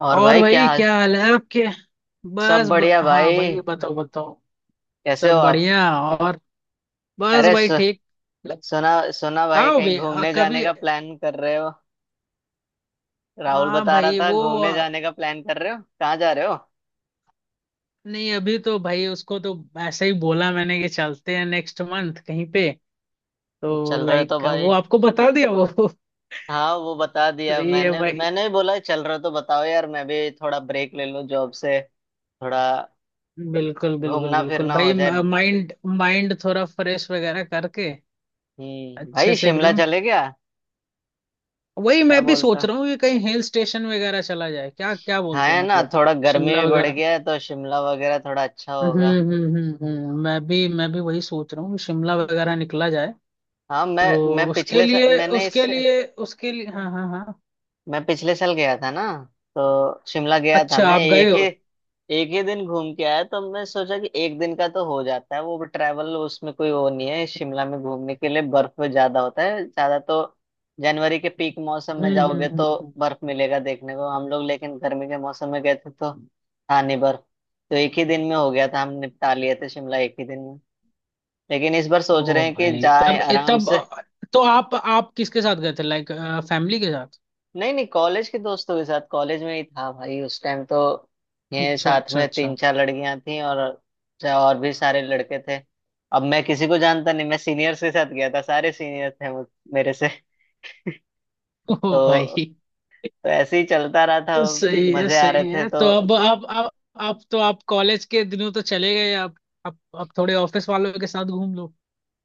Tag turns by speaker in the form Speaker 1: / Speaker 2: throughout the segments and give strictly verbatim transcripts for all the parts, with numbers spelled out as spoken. Speaker 1: और
Speaker 2: और
Speaker 1: भाई क्या
Speaker 2: भाई
Speaker 1: हाल।
Speaker 2: क्या हाल है आपके?
Speaker 1: सब
Speaker 2: बस ब...
Speaker 1: बढ़िया
Speaker 2: हाँ
Speaker 1: भाई।
Speaker 2: भाई, बताओ बताओ।
Speaker 1: कैसे हो
Speaker 2: सब
Speaker 1: आप?
Speaker 2: बढ़िया और। बस
Speaker 1: अरे
Speaker 2: भाई
Speaker 1: सु,
Speaker 2: ठीक। ल-
Speaker 1: सुना सुना भाई
Speaker 2: कहाँ हो
Speaker 1: कहीं
Speaker 2: भाई? आ,
Speaker 1: घूमने जाने
Speaker 2: कभी।
Speaker 1: का प्लान कर रहे हो? राहुल
Speaker 2: हाँ
Speaker 1: बता रहा
Speaker 2: भाई
Speaker 1: था
Speaker 2: वो,
Speaker 1: घूमने
Speaker 2: आ,
Speaker 1: जाने का प्लान कर रहे हो, कहाँ जा रहे हो?
Speaker 2: नहीं अभी तो भाई उसको तो ऐसे ही बोला मैंने कि चलते हैं नेक्स्ट मंथ कहीं पे। तो
Speaker 1: चल रहे हो तो
Speaker 2: लाइक
Speaker 1: भाई।
Speaker 2: वो आपको बता दिया वो
Speaker 1: हाँ वो बता
Speaker 2: तो
Speaker 1: दिया,
Speaker 2: ये
Speaker 1: मैंने
Speaker 2: भाई,
Speaker 1: मैंने भी बोला चल रहे हो तो बताओ यार, मैं भी थोड़ा ब्रेक ले लूँ जॉब से, थोड़ा
Speaker 2: बिल्कुल बिल्कुल
Speaker 1: घूमना
Speaker 2: बिल्कुल
Speaker 1: फिरना हो
Speaker 2: भाई।
Speaker 1: जाए।
Speaker 2: माइंड माइंड थोड़ा फ्रेश वगैरह करके
Speaker 1: हम्म
Speaker 2: अच्छे
Speaker 1: भाई
Speaker 2: से
Speaker 1: शिमला
Speaker 2: एकदम।
Speaker 1: चले गया।
Speaker 2: वही
Speaker 1: क्या
Speaker 2: मैं भी सोच
Speaker 1: बोलता।
Speaker 2: रहा हूँ कि कहीं हिल स्टेशन वगैरह चला जाए, क्या क्या
Speaker 1: हाँ
Speaker 2: बोलते हो
Speaker 1: है ना,
Speaker 2: मतलब।
Speaker 1: थोड़ा गर्मी
Speaker 2: शिमला
Speaker 1: भी बढ़
Speaker 2: वगैरह।
Speaker 1: गया है तो शिमला वगैरह थोड़ा अच्छा
Speaker 2: हम्म
Speaker 1: होगा।
Speaker 2: हम्म हम्म हम्म, मैं भी मैं भी वही सोच रहा हूँ कि शिमला वगैरह निकला जाए।
Speaker 1: हाँ मैं
Speaker 2: तो
Speaker 1: मैं
Speaker 2: उसके
Speaker 1: पिछले सा,
Speaker 2: लिए
Speaker 1: मैंने इस,
Speaker 2: उसके लिए उसके लिए हाँ हाँ हाँ।
Speaker 1: मैं पिछले साल गया था ना, तो शिमला गया था
Speaker 2: अच्छा
Speaker 1: मैं।
Speaker 2: आप गए
Speaker 1: एक ही
Speaker 2: हो?
Speaker 1: एक ही दिन घूम के आया तो मैं सोचा कि एक दिन का तो हो जाता है, वो भी ट्रैवल, उसमें कोई वो नहीं है शिमला में घूमने के लिए। बर्फ ज्यादा होता है ज्यादा, तो जनवरी के पीक मौसम में
Speaker 2: हम्म हम्म
Speaker 1: जाओगे तो
Speaker 2: हम्म हम्म।
Speaker 1: बर्फ मिलेगा देखने को हम लोग, लेकिन गर्मी के मौसम में गए थे तो था नहीं बर्फ। तो एक ही दिन में हो गया था, हम निपटा लिए थे शिमला एक ही दिन में। लेकिन इस बार सोच रहे
Speaker 2: ओ
Speaker 1: हैं कि
Speaker 2: भाई,
Speaker 1: जाए
Speaker 2: तब ए,
Speaker 1: आराम
Speaker 2: तब
Speaker 1: से।
Speaker 2: अ, तो आप आप किसके साथ गए थे लाइक? फैमिली के साथ?
Speaker 1: नहीं नहीं, कॉलेज के दोस्तों के साथ, कॉलेज में ही था भाई उस टाइम तो। ये
Speaker 2: अच्छा
Speaker 1: साथ
Speaker 2: अच्छा
Speaker 1: में तीन
Speaker 2: अच्छा।
Speaker 1: चार लड़कियां थी और चा- और भी सारे लड़के थे। अब मैं किसी को जानता नहीं, मैं सीनियर्स के साथ गया था, सारे सीनियर थे मुझ- मेरे से।
Speaker 2: ओ
Speaker 1: तो
Speaker 2: भाई।
Speaker 1: तो ऐसे ही चलता रहा था,
Speaker 2: सही है
Speaker 1: मजे आ रहे
Speaker 2: सही
Speaker 1: थे
Speaker 2: है,
Speaker 1: तो।
Speaker 2: तो अब अब अब अब तो आप कॉलेज के दिनों तो चले गए। अब अब अब थोड़े ऑफिस वालों के साथ घूम लो,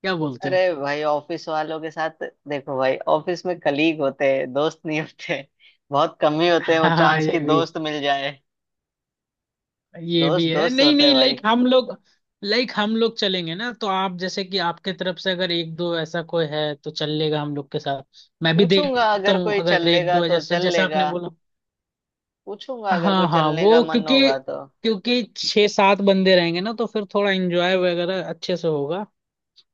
Speaker 2: क्या बोलते
Speaker 1: अरे
Speaker 2: हो?
Speaker 1: भाई ऑफिस वालों के साथ देखो भाई, ऑफिस में कलीग होते हैं दोस्त नहीं होते, बहुत कम ही होते हैं वो
Speaker 2: हाँ
Speaker 1: चांस
Speaker 2: ये
Speaker 1: की
Speaker 2: भी।
Speaker 1: दोस्त मिल जाए।
Speaker 2: ये
Speaker 1: दोस्त
Speaker 2: भी है।
Speaker 1: दोस्त
Speaker 2: नहीं
Speaker 1: होते हैं
Speaker 2: नहीं,
Speaker 1: भाई।
Speaker 2: लाइक हम लोग, लाइक हम लोग चलेंगे ना, तो आप जैसे कि आपके तरफ से अगर एक दो ऐसा कोई है तो चल लेगा हम लोग के साथ। मैं भी
Speaker 1: पूछूंगा
Speaker 2: देखता
Speaker 1: अगर
Speaker 2: हूँ
Speaker 1: कोई चल
Speaker 2: अगर एक
Speaker 1: लेगा
Speaker 2: दो है,
Speaker 1: तो
Speaker 2: जैसे
Speaker 1: चल
Speaker 2: जैसे
Speaker 1: लेगा,
Speaker 2: आपने बोला।
Speaker 1: पूछूंगा अगर कोई
Speaker 2: हाँ हाँ
Speaker 1: चलने का
Speaker 2: वो,
Speaker 1: मन
Speaker 2: क्योंकि
Speaker 1: होगा तो।
Speaker 2: क्योंकि छह सात बंदे रहेंगे ना तो फिर थोड़ा एंजॉय वगैरह अच्छे से होगा।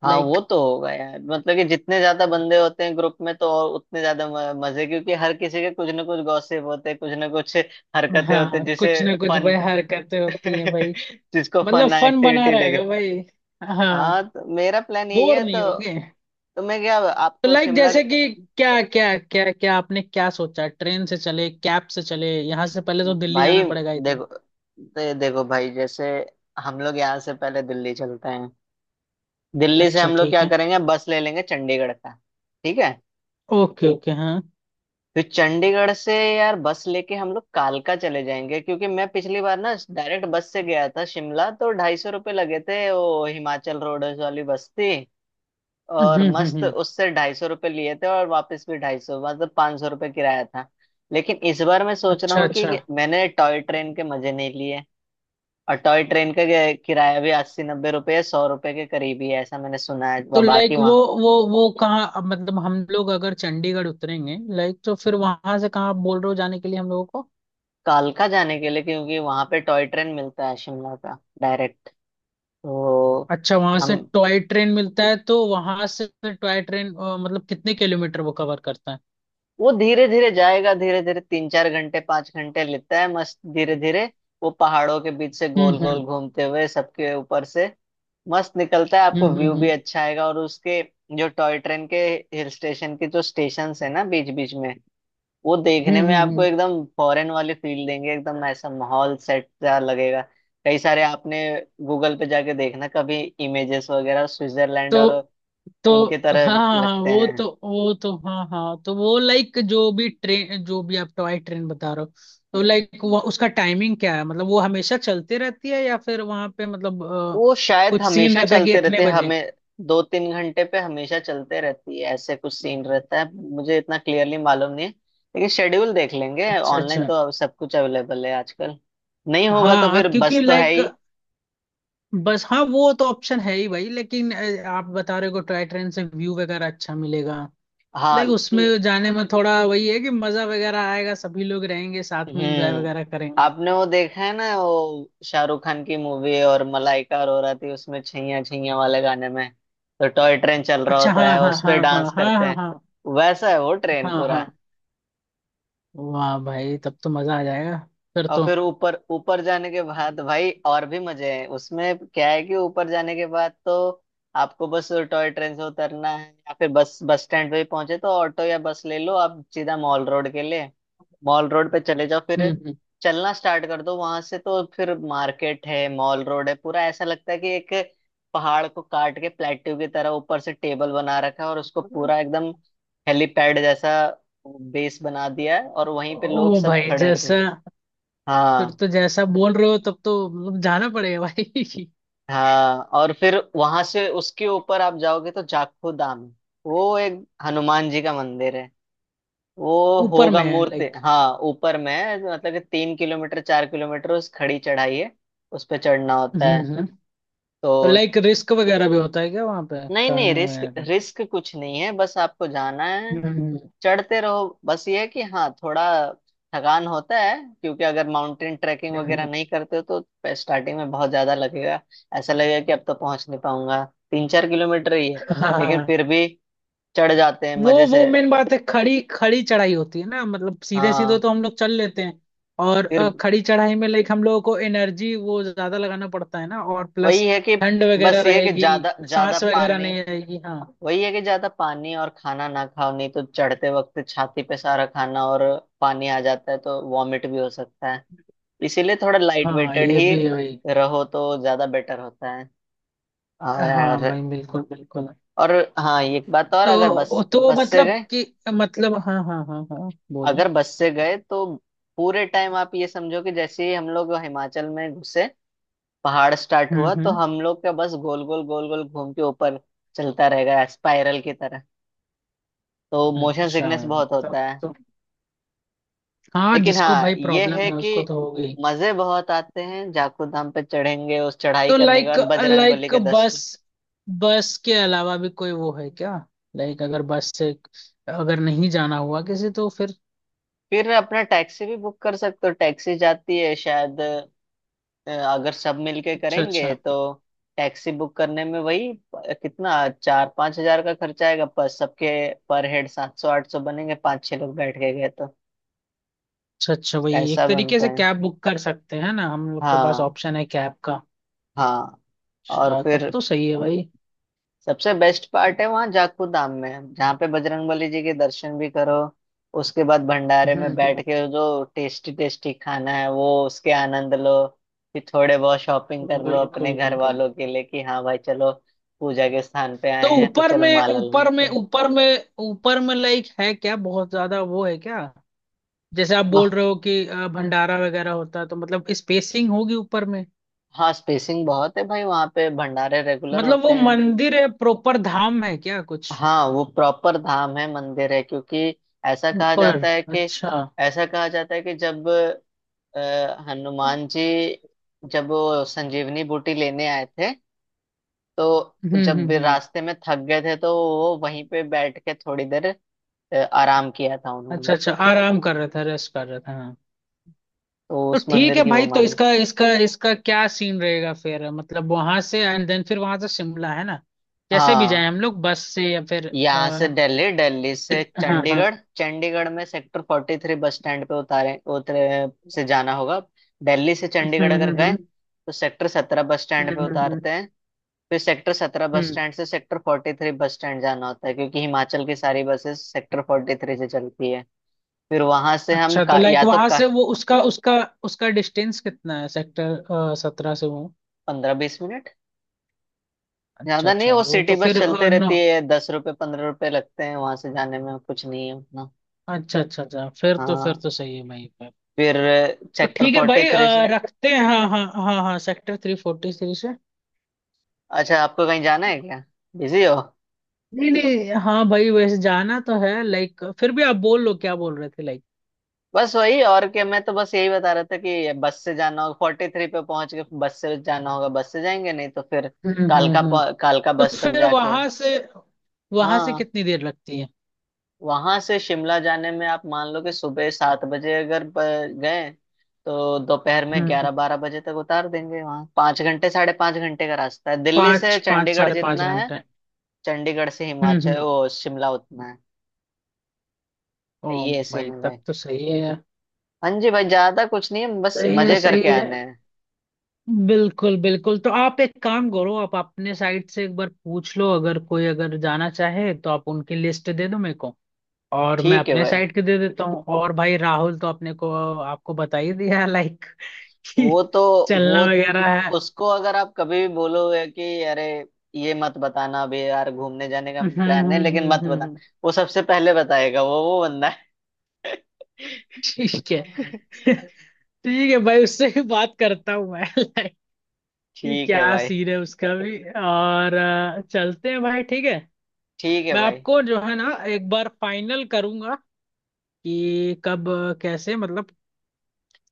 Speaker 1: हाँ
Speaker 2: लाइक।
Speaker 1: वो तो होगा यार, मतलब कि जितने ज्यादा बंदे होते हैं ग्रुप में तो और उतने ज्यादा म- मजे, क्योंकि हर किसी के कुछ ना कुछ गॉसिप होते हैं, कुछ ना कुछ हरकतें होते हैं
Speaker 2: हाँ
Speaker 1: जिसे
Speaker 2: कुछ ना कुछ
Speaker 1: फन,
Speaker 2: भाई हरकतें होती है भाई।
Speaker 1: जिसको
Speaker 2: मतलब
Speaker 1: फन
Speaker 2: फन बना
Speaker 1: एक्टिविटी
Speaker 2: रहेगा
Speaker 1: लगे।
Speaker 2: भाई। हाँ।
Speaker 1: हाँ तो मेरा प्लान यही
Speaker 2: बोर
Speaker 1: है तो।
Speaker 2: नहीं होंगे।
Speaker 1: तुम्हें क्या,
Speaker 2: तो
Speaker 1: आपको
Speaker 2: लाइक
Speaker 1: शिमला,
Speaker 2: जैसे कि, क्या क्या क्या क्या आपने क्या सोचा, ट्रेन से चले कैब से चले, यहाँ से पहले तो दिल्ली
Speaker 1: भाई
Speaker 2: जाना पड़ेगा आई थिंक?
Speaker 1: देखो, दे, देखो भाई जैसे, हम लोग यहाँ से पहले दिल्ली चलते हैं, दिल्ली से
Speaker 2: अच्छा
Speaker 1: हम लोग
Speaker 2: ठीक
Speaker 1: क्या
Speaker 2: है।
Speaker 1: करेंगे बस ले लेंगे चंडीगढ़ का, ठीक है,
Speaker 2: ओके ओके हाँ।
Speaker 1: फिर चंडीगढ़ से यार बस लेके हम लोग कालका चले जाएंगे। क्योंकि मैं पिछली बार ना डायरेक्ट बस से गया था शिमला तो ढाई सौ रुपये लगे थे, वो हिमाचल रोड वाली बस थी, और
Speaker 2: हम्म हम्म
Speaker 1: मस्त,
Speaker 2: हम्म।
Speaker 1: उससे ढाई सौ रुपये लिए थे और वापस भी ढाई सौ, मतलब पाँच सौ रुपये किराया था। लेकिन इस बार मैं सोच रहा
Speaker 2: अच्छा
Speaker 1: हूँ
Speaker 2: अच्छा।
Speaker 1: कि मैंने टॉय ट्रेन के मजे नहीं लिए, और टॉय ट्रेन का कि- किराया भी अस्सी नब्बे रुपये सौ रुपये के करीब ही है ऐसा मैंने सुना है,
Speaker 2: तो
Speaker 1: वा- बाकी
Speaker 2: लाइक वो,
Speaker 1: वहाँ
Speaker 2: वो वो कहाँ अब, मतलब हम लोग अगर चंडीगढ़ उतरेंगे लाइक तो फिर वहां से कहाँ आप बोल रहे हो जाने के लिए हम लोगों को?
Speaker 1: कालका जाने के लिए क्योंकि वहां पे टॉय ट्रेन मिलता है शिमला का डायरेक्ट। तो
Speaker 2: अच्छा वहां से
Speaker 1: हम,
Speaker 2: टॉय ट्रेन मिलता है? तो वहां से फिर टॉय ट्रेन अ, मतलब कितने किलोमीटर वो कवर करता है?
Speaker 1: वो धीरे धीरे जाएगा, धीरे धीरे तीन चार घंटे पांच घंटे लेता है मस्त, धीरे धीरे वो पहाड़ों के बीच से गोल
Speaker 2: हम्म
Speaker 1: गोल
Speaker 2: हम्म
Speaker 1: घूमते हुए सबके ऊपर से मस्त निकलता है, आपको
Speaker 2: हम्म
Speaker 1: व्यू
Speaker 2: हम्म
Speaker 1: भी अच्छा आएगा। और उसके, जो टॉय ट्रेन के हिल स्टेशन के जो स्टेशन है ना बीच बीच में, वो
Speaker 2: हम्म
Speaker 1: देखने में
Speaker 2: हम्म,
Speaker 1: आपको
Speaker 2: हम्म।
Speaker 1: एकदम फॉरेन वाली फील देंगे, एकदम ऐसा माहौल सेट सा लगेगा। कई सारे आपने गूगल पे जाके देखना कभी इमेजेस वगैरह, स्विट्जरलैंड और
Speaker 2: तो
Speaker 1: उनके
Speaker 2: तो हाँ
Speaker 1: तरह
Speaker 2: हाँ हाँ,
Speaker 1: लगते
Speaker 2: वो
Speaker 1: हैं।
Speaker 2: तो वो तो हाँ हाँ, तो वो लाइक जो भी ट्रेन, जो भी आप टॉय ट्रेन बता रहे हो, तो लाइक वो उसका टाइमिंग क्या है? मतलब वो हमेशा चलती रहती है, या फिर वहां पे मतलब अ,
Speaker 1: वो शायद
Speaker 2: कुछ सीन
Speaker 1: हमेशा
Speaker 2: रहता है कि
Speaker 1: चलते रहते
Speaker 2: इतने
Speaker 1: हैं,
Speaker 2: बजे?
Speaker 1: हमें दो तीन घंटे पे हमेशा चलते रहती है ऐसे कुछ सीन रहता है, मुझे इतना क्लियरली मालूम नहीं है, लेकिन शेड्यूल देख लेंगे
Speaker 2: अच्छा
Speaker 1: ऑनलाइन,
Speaker 2: अच्छा।
Speaker 1: तो अब सब कुछ अवेलेबल है आजकल, नहीं होगा तो
Speaker 2: हाँ
Speaker 1: फिर
Speaker 2: क्योंकि
Speaker 1: बस तो है
Speaker 2: लाइक,
Speaker 1: ही।
Speaker 2: बस हाँ वो तो ऑप्शन है ही भाई, लेकिन अ, आप बता रहे हो टॉय ट्रेन से व्यू वगैरह अच्छा मिलेगा।
Speaker 1: हाँ।
Speaker 2: लाइक उसमें
Speaker 1: ल-
Speaker 2: जाने में थोड़ा वही है कि मजा वगैरह आएगा, सभी लोग रहेंगे साथ में, एंजॉय
Speaker 1: हम्म
Speaker 2: वगैरह करेंगे।
Speaker 1: आपने वो देखा है ना, वो शाहरुख खान की मूवी और मलाइका अरोरा थी उसमें छैया छैया वाले गाने में, तो टॉय ट्रेन चल रहा
Speaker 2: अच्छा हाँ
Speaker 1: होता है
Speaker 2: हाँ
Speaker 1: उस
Speaker 2: हाँ
Speaker 1: पे
Speaker 2: हाँ
Speaker 1: डांस
Speaker 2: हाँ
Speaker 1: करते
Speaker 2: हाँ
Speaker 1: हैं,
Speaker 2: हाँ
Speaker 1: वैसा है वो ट्रेन
Speaker 2: हाँ
Speaker 1: पूरा।
Speaker 2: हाँ। वाह भाई, तब तो मजा आ जाएगा फिर
Speaker 1: और
Speaker 2: तो।
Speaker 1: फिर ऊपर ऊपर जाने के बाद भाई और भी मजे हैं उसमें, क्या है कि ऊपर जाने के बाद तो आपको बस टॉय ट्रेन से उतरना है या फिर बस, बस स्टैंड पे ही पहुंचे तो ऑटो या बस ले लो आप सीधा मॉल रोड के लिए, मॉल रोड पे चले जाओ, फिर
Speaker 2: हम्म
Speaker 1: चलना स्टार्ट कर दो वहां से, तो फिर मार्केट है मॉल रोड है पूरा, ऐसा लगता है कि एक पहाड़ को काट के प्लेट्यू की तरह ऊपर से टेबल बना रखा है और उसको
Speaker 2: हम्म।
Speaker 1: पूरा एकदम हेलीपैड जैसा बेस बना दिया है, और वहीं पे लोग
Speaker 2: ओ
Speaker 1: सब
Speaker 2: भाई
Speaker 1: खड़े होते हैं।
Speaker 2: जैसा, फिर
Speaker 1: हाँ।
Speaker 2: तो जैसा बोल रहे हो तब तो मतलब जाना पड़ेगा भाई।
Speaker 1: हाँ और फिर वहां से उसके ऊपर आप जाओगे तो जाखू धाम, वो एक हनुमान जी का मंदिर है, वो
Speaker 2: ऊपर
Speaker 1: होगा
Speaker 2: में है
Speaker 1: मूर्ति,
Speaker 2: लाइक।
Speaker 1: हाँ ऊपर में है, मतलब कि तीन किलोमीटर चार किलोमीटर उस खड़ी चढ़ाई है, उस पे चढ़ना होता
Speaker 2: हम्म
Speaker 1: है
Speaker 2: हम्म। तो
Speaker 1: तो।
Speaker 2: लाइक रिस्क वगैरह भी होता है क्या वहां पे
Speaker 1: नहीं नहीं,
Speaker 2: चढ़ने
Speaker 1: रिस्क
Speaker 2: वगैरह का?
Speaker 1: रिस्क कुछ नहीं है, बस आपको जाना है,
Speaker 2: हम्म हम्म।
Speaker 1: चढ़ते रहो, बस ये है कि हाँ थोड़ा थकान होता है, क्योंकि अगर माउंटेन ट्रैकिंग वगैरह
Speaker 2: हाँ
Speaker 1: नहीं करते हो तो स्टार्टिंग में बहुत ज्यादा लगेगा, ऐसा लगेगा कि अब तो पहुंच नहीं पाऊंगा, तीन चार किलोमीटर ही है, लेकिन फिर भी चढ़ जाते हैं
Speaker 2: वो
Speaker 1: मजे
Speaker 2: वो
Speaker 1: से।
Speaker 2: मेन बात है, खड़ी खड़ी चढ़ाई होती है ना, मतलब सीधे सीधे
Speaker 1: हाँ।
Speaker 2: तो हम लोग चल लेते हैं। और अ,
Speaker 1: फिर
Speaker 2: खड़ी चढ़ाई में लाइक हम लोगों को एनर्जी वो ज्यादा लगाना पड़ता है ना, और प्लस
Speaker 1: वही है कि,
Speaker 2: ठंड वगैरह
Speaker 1: बस ये है कि
Speaker 2: रहेगी,
Speaker 1: ज्यादा ज्यादा
Speaker 2: सांस वगैरह
Speaker 1: पानी,
Speaker 2: नहीं आएगी हाँ।
Speaker 1: वही है कि ज्यादा पानी और खाना ना खाओ, नहीं तो चढ़ते वक्त छाती पे सारा खाना और पानी आ जाता है तो वॉमिट भी हो सकता है, इसीलिए थोड़ा लाइट
Speaker 2: हाँ
Speaker 1: वेटेड
Speaker 2: ये
Speaker 1: ही
Speaker 2: भी है भाई।
Speaker 1: रहो तो ज्यादा बेटर होता है। हाँ
Speaker 2: हाँ
Speaker 1: यार।
Speaker 2: भाई बिल्कुल बिल्कुल।
Speaker 1: और, हाँ एक बात और, अगर बस
Speaker 2: तो तो
Speaker 1: बस से
Speaker 2: मतलब
Speaker 1: गए,
Speaker 2: कि, मतलब हाँ हाँ हाँ हाँ बोलिए।
Speaker 1: अगर बस से गए तो पूरे टाइम आप ये समझो कि जैसे ही हम लोग हिमाचल में घुसे, पहाड़ स्टार्ट
Speaker 2: हम्म
Speaker 1: हुआ तो
Speaker 2: हम्म।
Speaker 1: हम लोग का बस गोल गोल गोल गोल घूम के ऊपर चलता रहेगा स्पाइरल की तरह, तो मोशन
Speaker 2: अच्छा
Speaker 1: सिकनेस बहुत
Speaker 2: तब
Speaker 1: होता है।
Speaker 2: तो। हाँ
Speaker 1: लेकिन
Speaker 2: जिसको
Speaker 1: हाँ
Speaker 2: भाई
Speaker 1: ये
Speaker 2: प्रॉब्लम
Speaker 1: है
Speaker 2: है
Speaker 1: कि
Speaker 2: उसको तो होगी।
Speaker 1: मजे बहुत आते हैं, जाखू धाम पे चढ़ेंगे उस चढ़ाई
Speaker 2: तो
Speaker 1: करने के
Speaker 2: लाइक,
Speaker 1: बाद बजरंग बली
Speaker 2: लाइक
Speaker 1: के दस।
Speaker 2: बस, बस के अलावा भी कोई वो है क्या, लाइक अगर बस से, अगर नहीं जाना हुआ किसी तो फिर?
Speaker 1: फिर अपना टैक्सी भी बुक कर सकते हो, टैक्सी जाती है शायद, अ, अगर सब मिलके
Speaker 2: अच्छा अच्छा
Speaker 1: करेंगे तो,
Speaker 2: अच्छा।
Speaker 1: टैक्सी बुक करने में वही प- कितना चार पांच हजार का खर्चा आएगा, पर सबके पर हेड सात सौ आठ सौ बनेंगे, पांच छह लोग बैठ के गए तो
Speaker 2: अच्छा वही एक
Speaker 1: ऐसा
Speaker 2: तरीके
Speaker 1: बनते
Speaker 2: से
Speaker 1: हैं।
Speaker 2: कैब बुक कर सकते हैं ना, हम लोग के पास
Speaker 1: हाँ
Speaker 2: ऑप्शन है कैब का।
Speaker 1: हाँ। और
Speaker 2: अच्छा तब
Speaker 1: फिर
Speaker 2: तो सही है भाई।
Speaker 1: सबसे बेस्ट पार्ट है वहाँ जाखू धाम में, जहाँ पे बजरंगबली जी के दर्शन भी करो, उसके बाद भंडारे में बैठ
Speaker 2: हम्म
Speaker 1: के जो टेस्टी टेस्टी खाना है वो उसके आनंद लो, फिर थोड़े बहुत शॉपिंग
Speaker 2: हम्म,
Speaker 1: कर लो अपने
Speaker 2: बिल्कुल
Speaker 1: घर
Speaker 2: बिल्कुल।
Speaker 1: वालों के लिए कि हाँ भाई चलो पूजा के स्थान पे
Speaker 2: तो
Speaker 1: आए हैं तो
Speaker 2: ऊपर
Speaker 1: चलो
Speaker 2: में
Speaker 1: माला ले
Speaker 2: ऊपर
Speaker 1: लेते
Speaker 2: में
Speaker 1: हैं।
Speaker 2: ऊपर में ऊपर में लाइक है क्या बहुत ज्यादा वो है क्या? जैसे आप बोल
Speaker 1: वाह।
Speaker 2: रहे हो कि अ, भंडारा वगैरह होता है, तो मतलब स्पेसिंग होगी ऊपर में?
Speaker 1: हाँ स्पेसिंग बहुत है भाई, वहाँ पे भंडारे रेगुलर
Speaker 2: मतलब
Speaker 1: होते
Speaker 2: वो
Speaker 1: हैं।
Speaker 2: मंदिर है, प्रॉपर धाम है क्या कुछ
Speaker 1: हाँ वो प्रॉपर धाम है मंदिर है, क्योंकि ऐसा कहा
Speaker 2: ऊपर?
Speaker 1: जाता है कि,
Speaker 2: अच्छा।
Speaker 1: ऐसा कहा जाता है कि जब, अ, हनुमान जी जब वो संजीवनी बूटी लेने आए थे तो,
Speaker 2: हम्म
Speaker 1: जब
Speaker 2: हम्म
Speaker 1: भी
Speaker 2: हम्म।
Speaker 1: रास्ते में थक गए थे तो वो वहीं पे बैठ के थोड़ी देर अ, आराम किया था उन्होंने,
Speaker 2: अच्छा अच्छा, आराम कर रहा था, रेस्ट कर रहा था हाँ।
Speaker 1: तो
Speaker 2: तो
Speaker 1: उस
Speaker 2: ठीक
Speaker 1: मंदिर
Speaker 2: है
Speaker 1: की वो
Speaker 2: भाई, तो
Speaker 1: माने।
Speaker 2: इसका इसका इसका क्या सीन रहेगा फिर, मतलब वहां से एंड देन फिर वहां से शिमला है ना? कैसे भी जाए
Speaker 1: हाँ
Speaker 2: हम लोग, बस से या फिर,
Speaker 1: यहाँ से
Speaker 2: अ,
Speaker 1: दिल्ली, दिल्ली से
Speaker 2: हाँ हाँ।
Speaker 1: चंडीगढ़, चंडीगढ़ में sector forty three bus stand पे उतारे उतरे से जाना होगा, दिल्ली से चंडीगढ़
Speaker 2: हम्म
Speaker 1: अगर
Speaker 2: हम्म
Speaker 1: गए
Speaker 2: हम्म
Speaker 1: तो सेक्टर सत्रह बस स्टैंड
Speaker 2: हम्म
Speaker 1: पे
Speaker 2: हम्म हम्म,
Speaker 1: उतारते हैं, फिर सेक्टर सत्रह बस
Speaker 2: हम्म।
Speaker 1: स्टैंड से sector forty three bus stand जाना होता है, क्योंकि हिमाचल की सारी बसेस सेक्टर फोर्टी थ्री से चलती है, फिर वहां से हम
Speaker 2: अच्छा तो
Speaker 1: का,
Speaker 2: लाइक
Speaker 1: या तो
Speaker 2: वहां
Speaker 1: का
Speaker 2: से वो उसका उसका उसका डिस्टेंस कितना है सेक्टर सत्रह से वो?
Speaker 1: पंद्रह बीस मिनट,
Speaker 2: अच्छा
Speaker 1: ज्यादा नहीं,
Speaker 2: अच्छा,
Speaker 1: वो
Speaker 2: वो
Speaker 1: सिटी
Speaker 2: तो
Speaker 1: बस
Speaker 2: फिर अ,
Speaker 1: चलते
Speaker 2: नौ।
Speaker 1: रहती है, दस रुपये पंद्रह रुपये लगते हैं वहां से जाने में, कुछ नहीं है उतना।
Speaker 2: अच्छा अच्छा अच्छा, फिर तो फिर
Speaker 1: हाँ
Speaker 2: तो सही है भाई पर।
Speaker 1: फिर
Speaker 2: तो
Speaker 1: सेक्टर
Speaker 2: ठीक है
Speaker 1: फोर्टी
Speaker 2: भाई,
Speaker 1: थ्री से,
Speaker 2: अ, रखते हैं हाँ हाँ हाँ हाँ, सेक्टर थ्री फोर्टी थ्री से।
Speaker 1: अच्छा आपको कहीं जाना है क्या, बिजी हो?
Speaker 2: नहीं नहीं, हाँ भाई वैसे जाना तो है लाइक, फिर भी आप बोल लो, क्या बोल रहे थे लाइक?
Speaker 1: बस वही और क्या, मैं तो बस यही बता रहा था कि बस से जाना होगा, फोर्टी थ्री पे पहुंच के बस से जाना होगा, बस से जाएंगे नहीं तो फिर
Speaker 2: हम्म हम्म
Speaker 1: कालका
Speaker 2: हम्म।
Speaker 1: पह- कालका
Speaker 2: तो
Speaker 1: बस तक
Speaker 2: फिर
Speaker 1: जाके।
Speaker 2: वहां से, वहां से
Speaker 1: हाँ
Speaker 2: कितनी देर लगती है?
Speaker 1: वहां से शिमला जाने में आप मान लो कि सुबह सात बजे अगर ब- गए तो दोपहर में
Speaker 2: हम्म हम्म,
Speaker 1: ग्यारह बारह बजे तक उतार देंगे वहां, पाँच घंटे साढ़े पाँच घंटे का रास्ता है, दिल्ली से
Speaker 2: पाँच पाँच
Speaker 1: चंडीगढ़
Speaker 2: साढ़े पाँच
Speaker 1: जितना है,
Speaker 2: घंटे
Speaker 1: चंडीगढ़ से
Speaker 2: हम्म
Speaker 1: हिमाचल
Speaker 2: हम्म।
Speaker 1: वो शिमला उतना
Speaker 2: ओ
Speaker 1: है, ये सीन
Speaker 2: भाई
Speaker 1: है भाई।
Speaker 2: तब तो सही है यार।
Speaker 1: हाँ जी भाई ज्यादा कुछ नहीं है, बस
Speaker 2: सही है
Speaker 1: मजे
Speaker 2: सही
Speaker 1: करके
Speaker 2: है,
Speaker 1: आने हैं।
Speaker 2: बिल्कुल बिल्कुल। तो आप एक काम करो, आप अपने साइड से एक बार पूछ लो, अगर कोई अगर जाना चाहे तो आप उनकी लिस्ट दे दो मेरे को, और मैं
Speaker 1: ठीक है
Speaker 2: अपने
Speaker 1: भाई।
Speaker 2: साइड की दे देता हूँ। और भाई राहुल तो अपने को आपको बता ही दिया लाइक कि
Speaker 1: वो तो वो
Speaker 2: चलना वगैरह है।
Speaker 1: उसको अगर आप कभी भी बोलोगे कि अरे, ये मत बताना, अभी यार घूमने जाने का
Speaker 2: हम्म
Speaker 1: प्लान है
Speaker 2: हम्म
Speaker 1: लेकिन
Speaker 2: हम्म
Speaker 1: मत
Speaker 2: हम्म,
Speaker 1: बताना,
Speaker 2: हम्म।
Speaker 1: वो सबसे पहले बताएगा, वो वो बंदा है।
Speaker 2: ठीक है। ठीक है भाई, उससे भी बात करता हूँ मैं लाइक कि
Speaker 1: ठीक है
Speaker 2: क्या
Speaker 1: भाई।
Speaker 2: सीन है उसका भी। और अ, चलते हैं भाई ठीक है।
Speaker 1: ठीक है
Speaker 2: मैं
Speaker 1: भाई।
Speaker 2: आपको जो है ना एक बार फाइनल करूंगा, कि कब कैसे, मतलब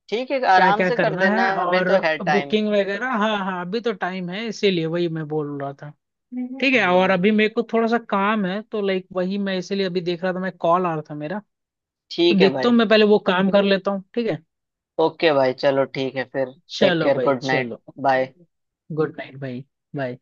Speaker 1: ठीक है
Speaker 2: क्या
Speaker 1: आराम
Speaker 2: क्या
Speaker 1: से कर
Speaker 2: करना
Speaker 1: देना,
Speaker 2: है
Speaker 1: अभी
Speaker 2: और
Speaker 1: तो है टाइम।
Speaker 2: बुकिंग वगैरह। हाँ हाँ, अभी तो टाइम है, इसीलिए वही मैं बोल रहा था। ठीक है, और
Speaker 1: हम्म
Speaker 2: अभी मेरे को थोड़ा सा काम है, तो लाइक वही मैं इसीलिए अभी देख रहा था, मैं कॉल आ रहा था मेरा। तो
Speaker 1: ठीक है
Speaker 2: देखता हूँ
Speaker 1: भाई,
Speaker 2: मैं पहले वो काम कर लेता हूँ, ठीक है।
Speaker 1: ओके भाई चलो ठीक है फिर। टेक
Speaker 2: चलो
Speaker 1: केयर,
Speaker 2: भाई
Speaker 1: गुड नाइट,
Speaker 2: चलो।
Speaker 1: बाय।
Speaker 2: गुड नाइट भाई। बाय।